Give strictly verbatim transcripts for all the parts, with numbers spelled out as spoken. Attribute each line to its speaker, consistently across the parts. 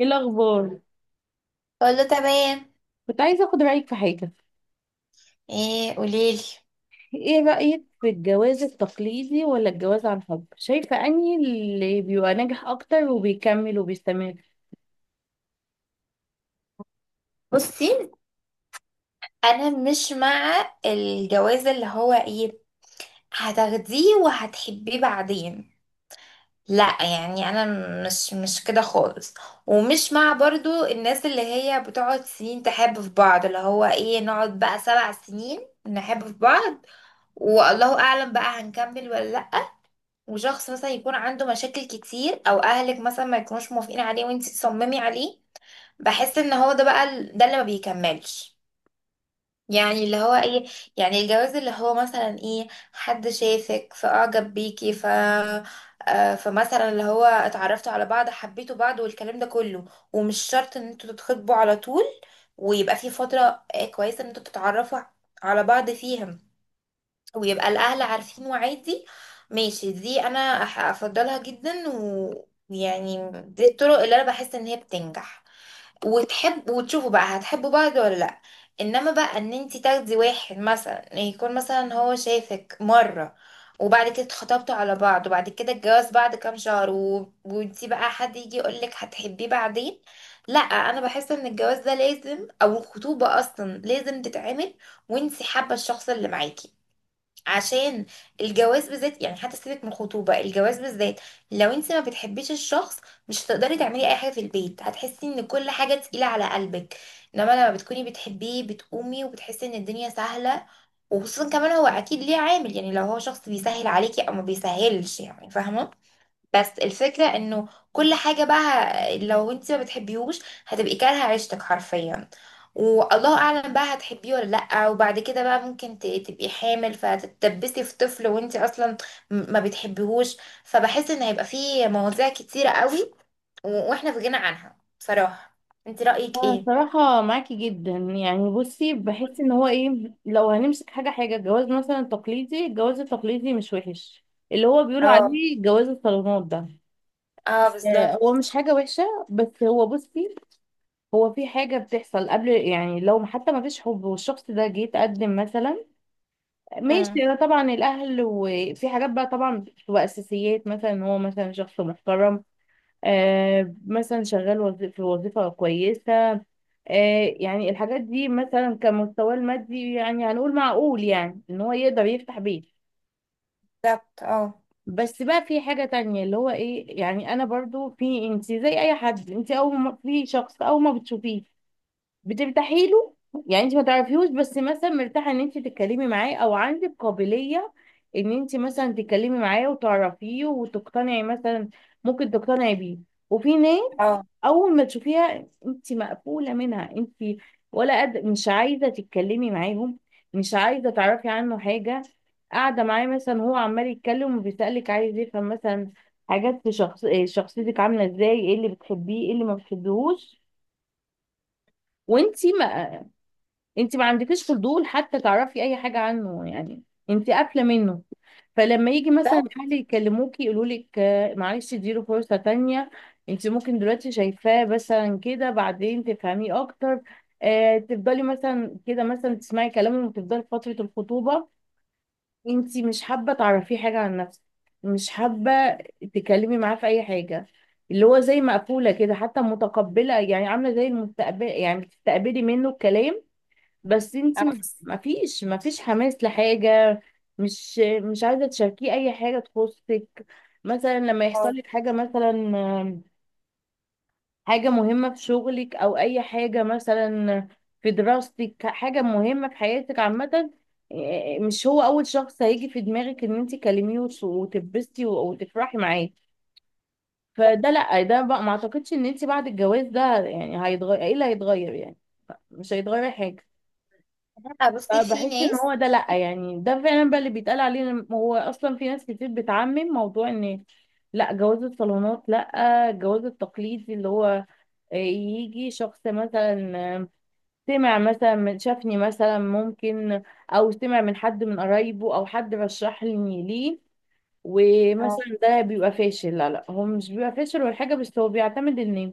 Speaker 1: ايه الاخبار؟
Speaker 2: اقول له تمام.
Speaker 1: كنت عايزه اخد رايك في حاجه.
Speaker 2: ايه قوليلي.
Speaker 1: ايه رايك في الجواز التقليدي ولا الجواز عن حب؟ شايفه اني اللي بيبقى ناجح اكتر وبيكمل وبيستمر.
Speaker 2: بصي، انا مش مع الجواز اللي هو ايه هتاخديه وهتحبيه بعدين. لا يعني انا مش مش كده خالص. ومش مع برضو الناس اللي هي بتقعد سنين تحب في بعض اللي هو ايه نقعد بقى سبع سنين نحب في بعض. والله اعلم بقى هنكمل ولا لا. وشخص مثلا يكون عنده مشاكل كتير او اهلك مثلا ما يكونوش موافقين عليه وانتي تصممي عليه. بحس ان هو ده بقى ال- ده اللي ما بيكملش. يعني اللي هو ايه، يعني الجواز اللي هو مثلا ايه حد شافك فاعجب بيكي ف آه، فمثلا اللي هو اتعرفتوا على بعض حبيتوا بعض والكلام ده كله. ومش شرط ان انتوا تتخطبوا على طول، ويبقى في فترة آه، كويسة ان انتوا تتعرفوا على بعض فيها، ويبقى الاهل عارفين وعادي ماشي. دي انا أح- افضلها جدا، ويعني دي الطرق اللي انا بحس ان هي بتنجح. وتحب وتشوفوا بقى هتحبوا بعض ولا لا. انما بقى ان انت تاخدي واحد مثلا يكون مثلا هو شايفك مرة وبعد كده اتخطبتوا على بعض وبعد كده الجواز بعد كام شهر و... وانت بقى حد يجي يقولك هتحبيه بعدين. لا، انا بحس ان الجواز ده لازم او الخطوبة اصلا لازم تتعمل وانت حابة الشخص اللي معاكي. عشان الجواز بالذات، يعني حتى سيبك من الخطوبة، الجواز بالذات لو انت ما بتحبيش الشخص مش هتقدري تعملي اي حاجة في البيت، هتحسي ان كل حاجة تقيلة على قلبك. انما لما بتكوني بتحبيه بتقومي وبتحسي ان الدنيا سهلة. وخصوصا كمان هو اكيد ليه عامل، يعني لو هو شخص بيسهل عليكي او ما بيسهلش، يعني فاهمة. بس الفكرة انه كل حاجة بقى ه- لو انت ما بتحبيهوش هتبقي كارهة عيشتك حرفيا. والله اعلم بقى هتحبيه ولا لأ، وبعد كده بقى ممكن ت- تبقي حامل فتتدبسي في طفل وانت اصلا م- ما بتحبيهوش. فبحس ان هيبقى فيه مواضيع كتيرة قوي و- واحنا في غنى عنها بصراحة. انت رأيك
Speaker 1: انا
Speaker 2: ايه؟
Speaker 1: صراحه معاكي جدا. يعني بصي، بحس ان هو ايه، لو هنمسك حاجه حاجه الجواز مثلا التقليدي، الجواز التقليدي مش وحش، اللي هو بيقولوا
Speaker 2: اه.
Speaker 1: عليه جواز الصالونات ده.
Speaker 2: اه،
Speaker 1: آه،
Speaker 2: بالظبط.
Speaker 1: هو مش حاجه وحشه. بس هو بصي، هو في حاجه بتحصل قبل، يعني لو حتى ما فيش حب والشخص ده جه يتقدم مثلا،
Speaker 2: مم،
Speaker 1: ماشي، انا طبعا الاهل وفي حاجات بقى طبعا بتبقى اساسيات، مثلا هو مثلا شخص محترم، آه، مثلا شغال وظي- في وظيفه كويسه، آه، يعني الحاجات دي مثلا كمستواه المادي، يعني هنقول معقول يعني ان هو يقدر يفتح بيت.
Speaker 2: بالظبط اه.
Speaker 1: بس بقى في حاجه تانية اللي هو ايه، يعني انا برضو، في انت زي اي حد، انت اول ما في شخص اول ما بتشوفيه بترتاحي له. يعني انت ما تعرفيهوش بس مثلا مرتاحه ان انت تتكلمي معاه، او عندك قابليه ان انت مثلا تتكلمي معاه وتعرفيه وتقتنعي مثلا، ممكن تقتنعي بيه. وفي ناس
Speaker 2: اه،
Speaker 1: اول ما تشوفيها انت مقفوله منها انت، ولا قد مش عايزه تتكلمي معاهم، مش عايزه تعرفي عنه حاجه. قاعده معاه مثلا، هو عمال يتكلم وبيسالك، عايز يفهم مثلا حاجات في شخص، إيه شخصيتك عامله ازاي، ايه اللي بتحبيه، ايه اللي ما بتحبيهوش، وانت انت ما عندكيش فضول حتى تعرفي اي حاجه عنه يعني، انت قافله منه. فلما يجي مثلا
Speaker 2: بالظبط.
Speaker 1: الاهل يكلموكي يقولوا لك معلش اديله فرصه تانية، انت ممكن دلوقتي شايفاه مثلا كده بعدين تفهميه اكتر، آه تفضلي مثلا كده، مثلا تسمعي كلامهم وتفضلي في فتره الخطوبه، انت مش حابه تعرفيه حاجه عن نفسك، مش حابه تتكلمي معاه في اي حاجه، اللي هو زي مقفوله كده، حتى متقبله يعني عامله زي المستقبل، يعني بتستقبلي منه الكلام بس
Speaker 2: اه،
Speaker 1: انتي ما
Speaker 2: بالظبط.
Speaker 1: ما فيش ما فيش حماس لحاجة، مش مش عايزة تشاركيه اي حاجة تخصك. مثلا لما
Speaker 2: آه،
Speaker 1: يحصل لك حاجة مثلا، آم، حاجة مهمة في شغلك او اي حاجة مثلا في دراستك، حاجة مهمة في حياتك عامة، آه، آه، مش هو اول شخص هيجي في دماغك ان انتي تكلميه وت- وتتبسطي و- وتفرحي معاه.
Speaker 2: بالظبط.
Speaker 1: فده لا، ده بقى ما اعتقدش ان انتي بعد الجواز ده يعني هيتغير، ايه اللي هيتغير يعني؟ مش هيتغير حاجة.
Speaker 2: لأ، بصي، في
Speaker 1: فبحس ان
Speaker 2: ناس.
Speaker 1: هو ده، لا يعني ده فعلا بقى اللي بيتقال عليه، إن هو اصلا في ناس كتير بتعمم موضوع ان لا جواز الصالونات، لا الجواز التقليدي اللي هو يجي شخص مثلا سمع مثلا، من شافني مثلا ممكن، او سمع من حد من قرايبه او حد رشحني ليه ومثلا ده بيبقى فاشل. لا لا، هو مش بيبقى فاشل ولا حاجه، بس هو بيعتمد ان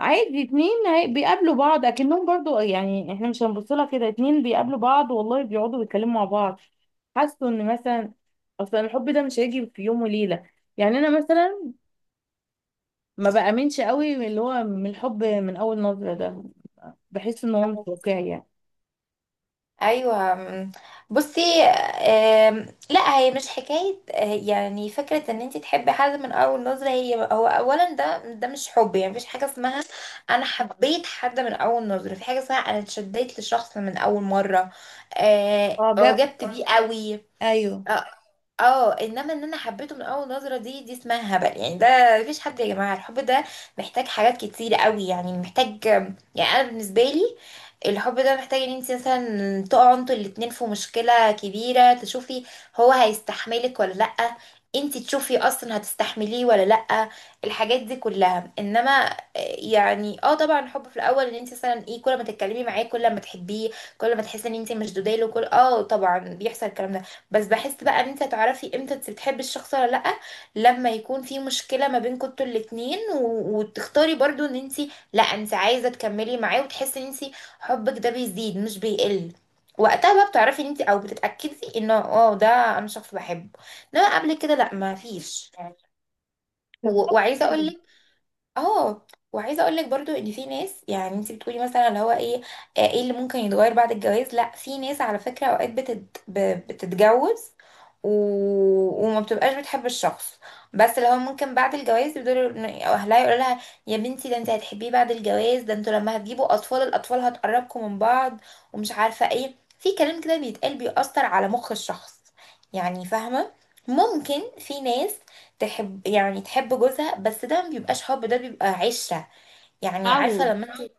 Speaker 1: عادي اتنين هي- بيقابلوا بعض، اكنهم برضو، يعني احنا مش هنبص لها كده، اتنين بيقابلوا بعض والله بيقعدوا بيتكلموا مع بعض. حاسه ان مثلا اصلا الحب ده مش هيجي في يوم وليله، يعني انا مثلا ما بامنش قوي من اللي هو من الحب من اول نظره ده، بحس ان هو مش
Speaker 2: اه.
Speaker 1: واقعي يعني.
Speaker 2: ايوه، أم، بصي، أم، لا، هي مش حكايه. أه، يعني فكره ان انت تحبي حد من اول نظره، هي هو اولا ده ده مش حب، يعني مفيش حاجه اسمها. انا حبيت حد من اول نظره، في حاجه اسمها انا اتشديت لشخص من اول مره. أه،
Speaker 1: اه، جاب.
Speaker 2: اعجبت بيه قوي.
Speaker 1: ايوه،
Speaker 2: اه، انما ان انا حبيته من اول نظره دي دي اسمها هبل. يعني ده مفيش حد يا جماعه، الحب ده محتاج حاجات كتير قوي، يعني محتاج. يعني انا بالنسبه لي الحب ده محتاج ان انت مثلا تقعوا انتوا الاتنين في مشكله كبيره، تشوفي هو هيستحملك ولا لا. انت تشوفي اصلا هتستحمليه ولا لا. الحاجات دي كلها، انما آه، يعني اه، طبعا الحب في الاول ان انت مثلا ايه كل ما تتكلمي معاه كل ما تحبيه كل ما تحسي ان انت مشدوده له كل اه، طبعا بيحصل الكلام ده. بس بحس بقى ان انت هتعرفي امتى انت بتحبي الشخص ولا لأ، لما يكون في مشكلة ما بينكم انتوا الاتنين و... وتختاري برضو ان انت، لا، انت عايزة تكملي معاه وتحسي ان انت حبك ده بيزيد مش بيقل. وقتها بقى بتعرفي ان انت او بتتأكدي انه اه، ده انا شخص بحبه. انما قبل كده لا، ما فيش. و...
Speaker 1: بالظبط
Speaker 2: وعايزة
Speaker 1: كده.
Speaker 2: اقول اه، وعايزه اقول لك برضو ان في ناس، يعني انت بتقولي مثلا اللي هو ايه آه، ايه اللي ممكن يتغير بعد الجواز. لا، في ناس على فكره اوقات بتت... ب- بتتجوز و... وما بتبقاش بتحب الشخص. بس اللي هو ممكن بعد الجواز يقدروا إن- أو اهلها يقولوا لها يا بنتي ده انت هتحبيه بعد الجواز، ده انتوا لما هتجيبوا اطفال الاطفال هتقربكم من بعض، ومش عارفه ايه. في كلام كده بيتقال بيأثر على مخ الشخص، يعني فاهمه. ممكن في ناس تحب، يعني تحب جوزها، بس ده ما بيبقاش حب، ده بيبقى عشرة. يعني عارفة
Speaker 1: عود.
Speaker 2: لما انت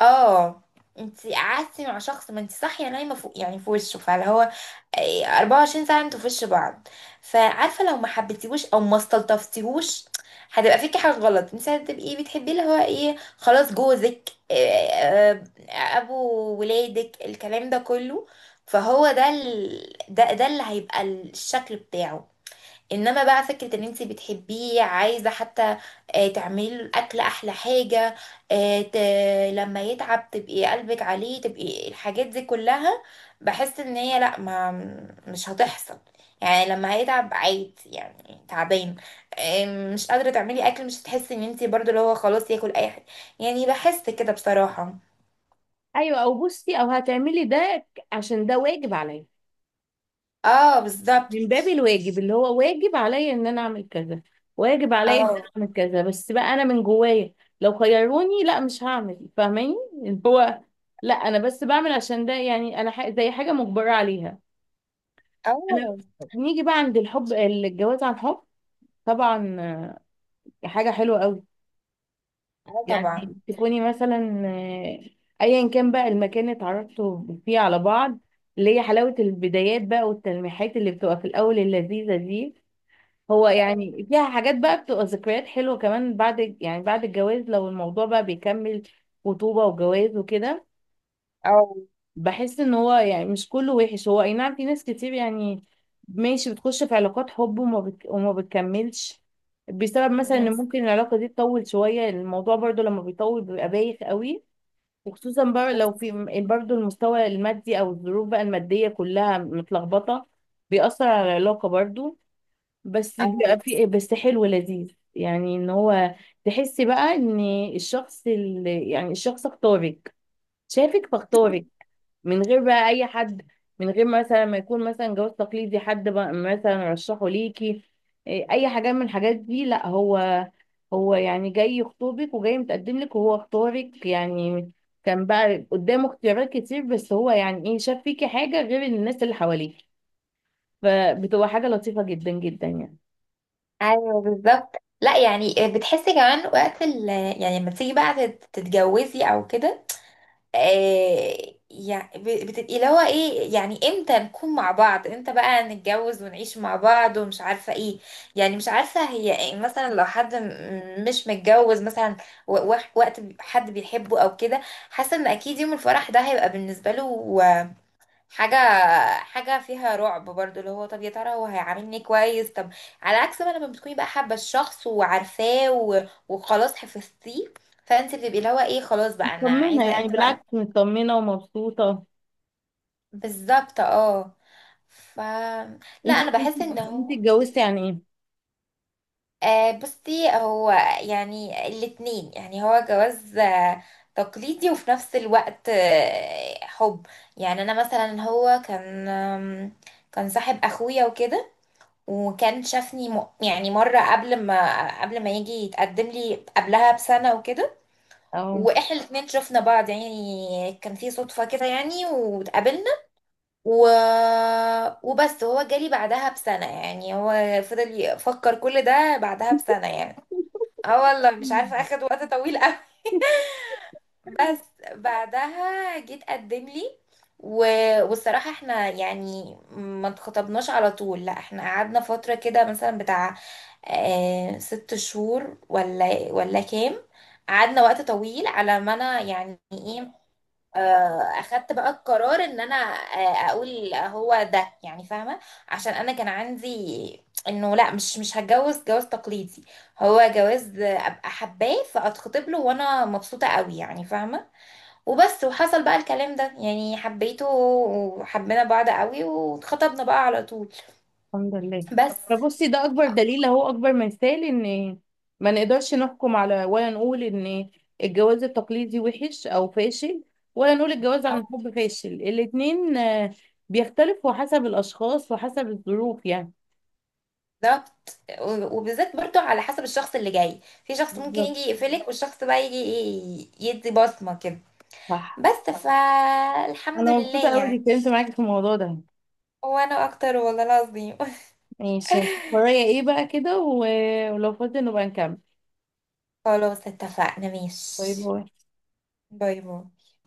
Speaker 2: اه، انت قعدتي مع شخص ما انت صاحية نايمة فوق يعني في وشه، فاللي هو ايه أربعة وعشرين ساعة انتوا في وش بعض. فعارفة لو ما حبيتيهوش او ما استلطفتيهوش هتبقى فيكي حاجة غلط. انت هتبقي بتحبيه اللي هو ايه خلاص جوزك، ايه اه، ابو ولادك، الكلام ده كله. فهو ده ال... ده ده اللي هيبقى الشكل بتاعه. انما بقى فكره ان انت بتحبيه عايزه حتى آه، تعملي له الاكل احلى حاجه، آه، ت... لما يتعب تبقي قلبك عليه تبقي الحاجات دي كلها. بحس ان هي لا، ما مش هتحصل. يعني لما هيتعب عادي، يعني تعبان آه، مش قادره تعملي اكل، مش هتحسي ان انت برضو اللي هو خلاص ياكل اي حاجه. يعني بحس كده بصراحه.
Speaker 1: ايوه، او بصي او هتعملي ده عشان ده واجب عليا،
Speaker 2: اه،
Speaker 1: من باب
Speaker 2: بالظبط.
Speaker 1: الواجب اللي هو واجب عليا ان انا اعمل كذا، واجب عليا ان
Speaker 2: اه.
Speaker 1: انا اعمل كذا، بس بقى انا من جوايا لو خيروني لا مش هعمل، فاهماني؟ اللي هو لا، انا بس بعمل عشان ده، يعني انا ح- زي حاجة مجبرة عليها انا.
Speaker 2: اه.
Speaker 1: نيجي بقى عند الحب، الجواز عن حب. طبعا آه، حاجة حلوة قوي.
Speaker 2: اه، طبعا.
Speaker 1: يعني تكوني مثلا، آه، ايا كان بقى المكان اللي اتعرفتوا فيه على بعض، اللي هي حلاوة البدايات بقى والتلميحات اللي بتبقى في الاول اللذيذة دي. هو يعني فيها حاجات بقى بتبقى ذكريات حلوة كمان بعد، يعني بعد الجواز لو الموضوع بقى بيكمل خطوبة وجواز وكده.
Speaker 2: اه.
Speaker 1: بحس ان هو يعني مش كله وحش، هو اي نعم في ناس كتير يعني ماشي بتخش في علاقات حب وما, بت... وما بتكملش، بسبب مثلا
Speaker 2: مم.
Speaker 1: ان ممكن العلاقة دي تطول شوية، الموضوع برضو لما بيطول بيبقى بايخ قوي. وخصوصا بقى لو في م- برضو المستوى المادي او الظروف بقى المادية كلها متلخبطة، بيأثر على العلاقة برضو. بس
Speaker 2: اه.
Speaker 1: بيبقى في إيه، بس حلو لذيذ، يعني ان هو تحسي بقى ان الشخص اللي يعني الشخص اختارك، شافك فاختارك من غير بقى اي حد، من غير مثلا ما يكون مثلا جواز تقليدي حد بقى مثلا رشحه ليكي، إيه، اي حاجه من الحاجات دي. لا هو، هو يعني جاي يخطبك وجاي متقدم لك وهو اختارك يعني، كان بقى قدامه اختيارات كتير بس هو يعني ايه، شاف فيكي حاجه غير الناس اللي حواليك، فبتبقى حاجه لطيفه جدا جدا يعني.
Speaker 2: ايوه، بالظبط. لا يعني آه، بتحسي كمان وقت ال، يعني لما تيجي بقى تت- تتجوزي او كده آه، يعني ب- بتبقي اللي هو ايه، يعني امتى نكون مع بعض، امتى بقى نتجوز ونعيش مع بعض، ومش عارفه ايه. يعني مش عارفه هي إيه مثلا لو حد م- مش متجوز مثلا و- وح- وقت بي- حد بيحبه او كده. حاسه ان اكيد يوم الفرح ده هيبقى بالنسبه له حاجة، حاجة فيها رعب برضو اللي هو طب يا ترى هو هيعاملني كويس طب. على عكس ما لما بتكوني بقى حابة الشخص وعارفاه و... وخلاص حفظتيه. فانت بتبقي اللي هو ايه خلاص بقى انا
Speaker 1: مطمنة
Speaker 2: عايزة
Speaker 1: يعني،
Speaker 2: امتى بقى.
Speaker 1: بالعكس مطمنة ومبسوطة.
Speaker 2: بالظبط اه. ف، لا،
Speaker 1: انت
Speaker 2: انا
Speaker 1: انت
Speaker 2: بحس ان
Speaker 1: انت
Speaker 2: هو
Speaker 1: اتجوزتي عن ايه؟
Speaker 2: آه، بصي، هو يعني الاتنين، يعني هو جواز آه، تقليدي وفي نفس الوقت آه، حب. يعني انا مثلا هو كان آم، كان صاحب اخويا وكده. وكان شافني م... يعني مرة قبل ما قبل ما يجي يتقدم لي قبلها بسنة وكده.
Speaker 1: اه.
Speaker 2: واحنا الاتنين شفنا بعض، يعني كان في صدفة كده، يعني واتقابلنا و... وبس هو جالي بعدها بسنة، يعني هو فضل يفكر كل ده بعدها بسنة يعني. اه، والله مش عارفة
Speaker 1: مم.
Speaker 2: اخد وقت طويل قوي. بس بعدها جيت قدم لي و... والصراحة احنا يعني ما اتخطبناش على طول، لا احنا قعدنا فترة كده مثلا بتاع اه ست شهور ولا ولا كام. قعدنا وقت طويل على ما انا يعني ايه اه، اخدت بقى القرار ان انا اه اقول هو ده، يعني فاهمة. عشان انا كان عندي انه لا، مش مش هتجوز جواز تقليدي، هو جواز ابقى حباه فاتخطب له وانا مبسوطة قوي، يعني فاهمة. وبس، وحصل بقى الكلام ده، يعني حبيته وحبينا بعض قوي واتخطبنا بقى على طول.
Speaker 1: الحمد لله.
Speaker 2: بس.
Speaker 1: فبصي ده اكبر دليل اهو، اكبر مثال ان ما نقدرش نحكم على ولا نقول ان الجواز التقليدي وحش او فاشل، ولا نقول الجواز عن
Speaker 2: أه،
Speaker 1: الحب فاشل. الاتنين آه، بيختلفوا حسب الاشخاص وحسب الظروف يعني.
Speaker 2: بالظبط. و- وبالذات برضو على حسب الشخص اللي جاي، في شخص ممكن
Speaker 1: بالظبط.
Speaker 2: يجي يقفلك والشخص بقى يجي ي- يدي بصمة كده.
Speaker 1: صح.
Speaker 2: بس فالحمد
Speaker 1: انا مبسوطة
Speaker 2: لله
Speaker 1: قوي اني
Speaker 2: يعني.
Speaker 1: اتكلمت معاكي في الموضوع ده.
Speaker 2: وانا اكتر والله العظيم.
Speaker 1: ماشي، ورايا ايه بقى كده و- ولو فاضي نبقى نكمل.
Speaker 2: خلاص اتفقنا
Speaker 1: باي
Speaker 2: ماشي.
Speaker 1: باي.
Speaker 2: باي باي.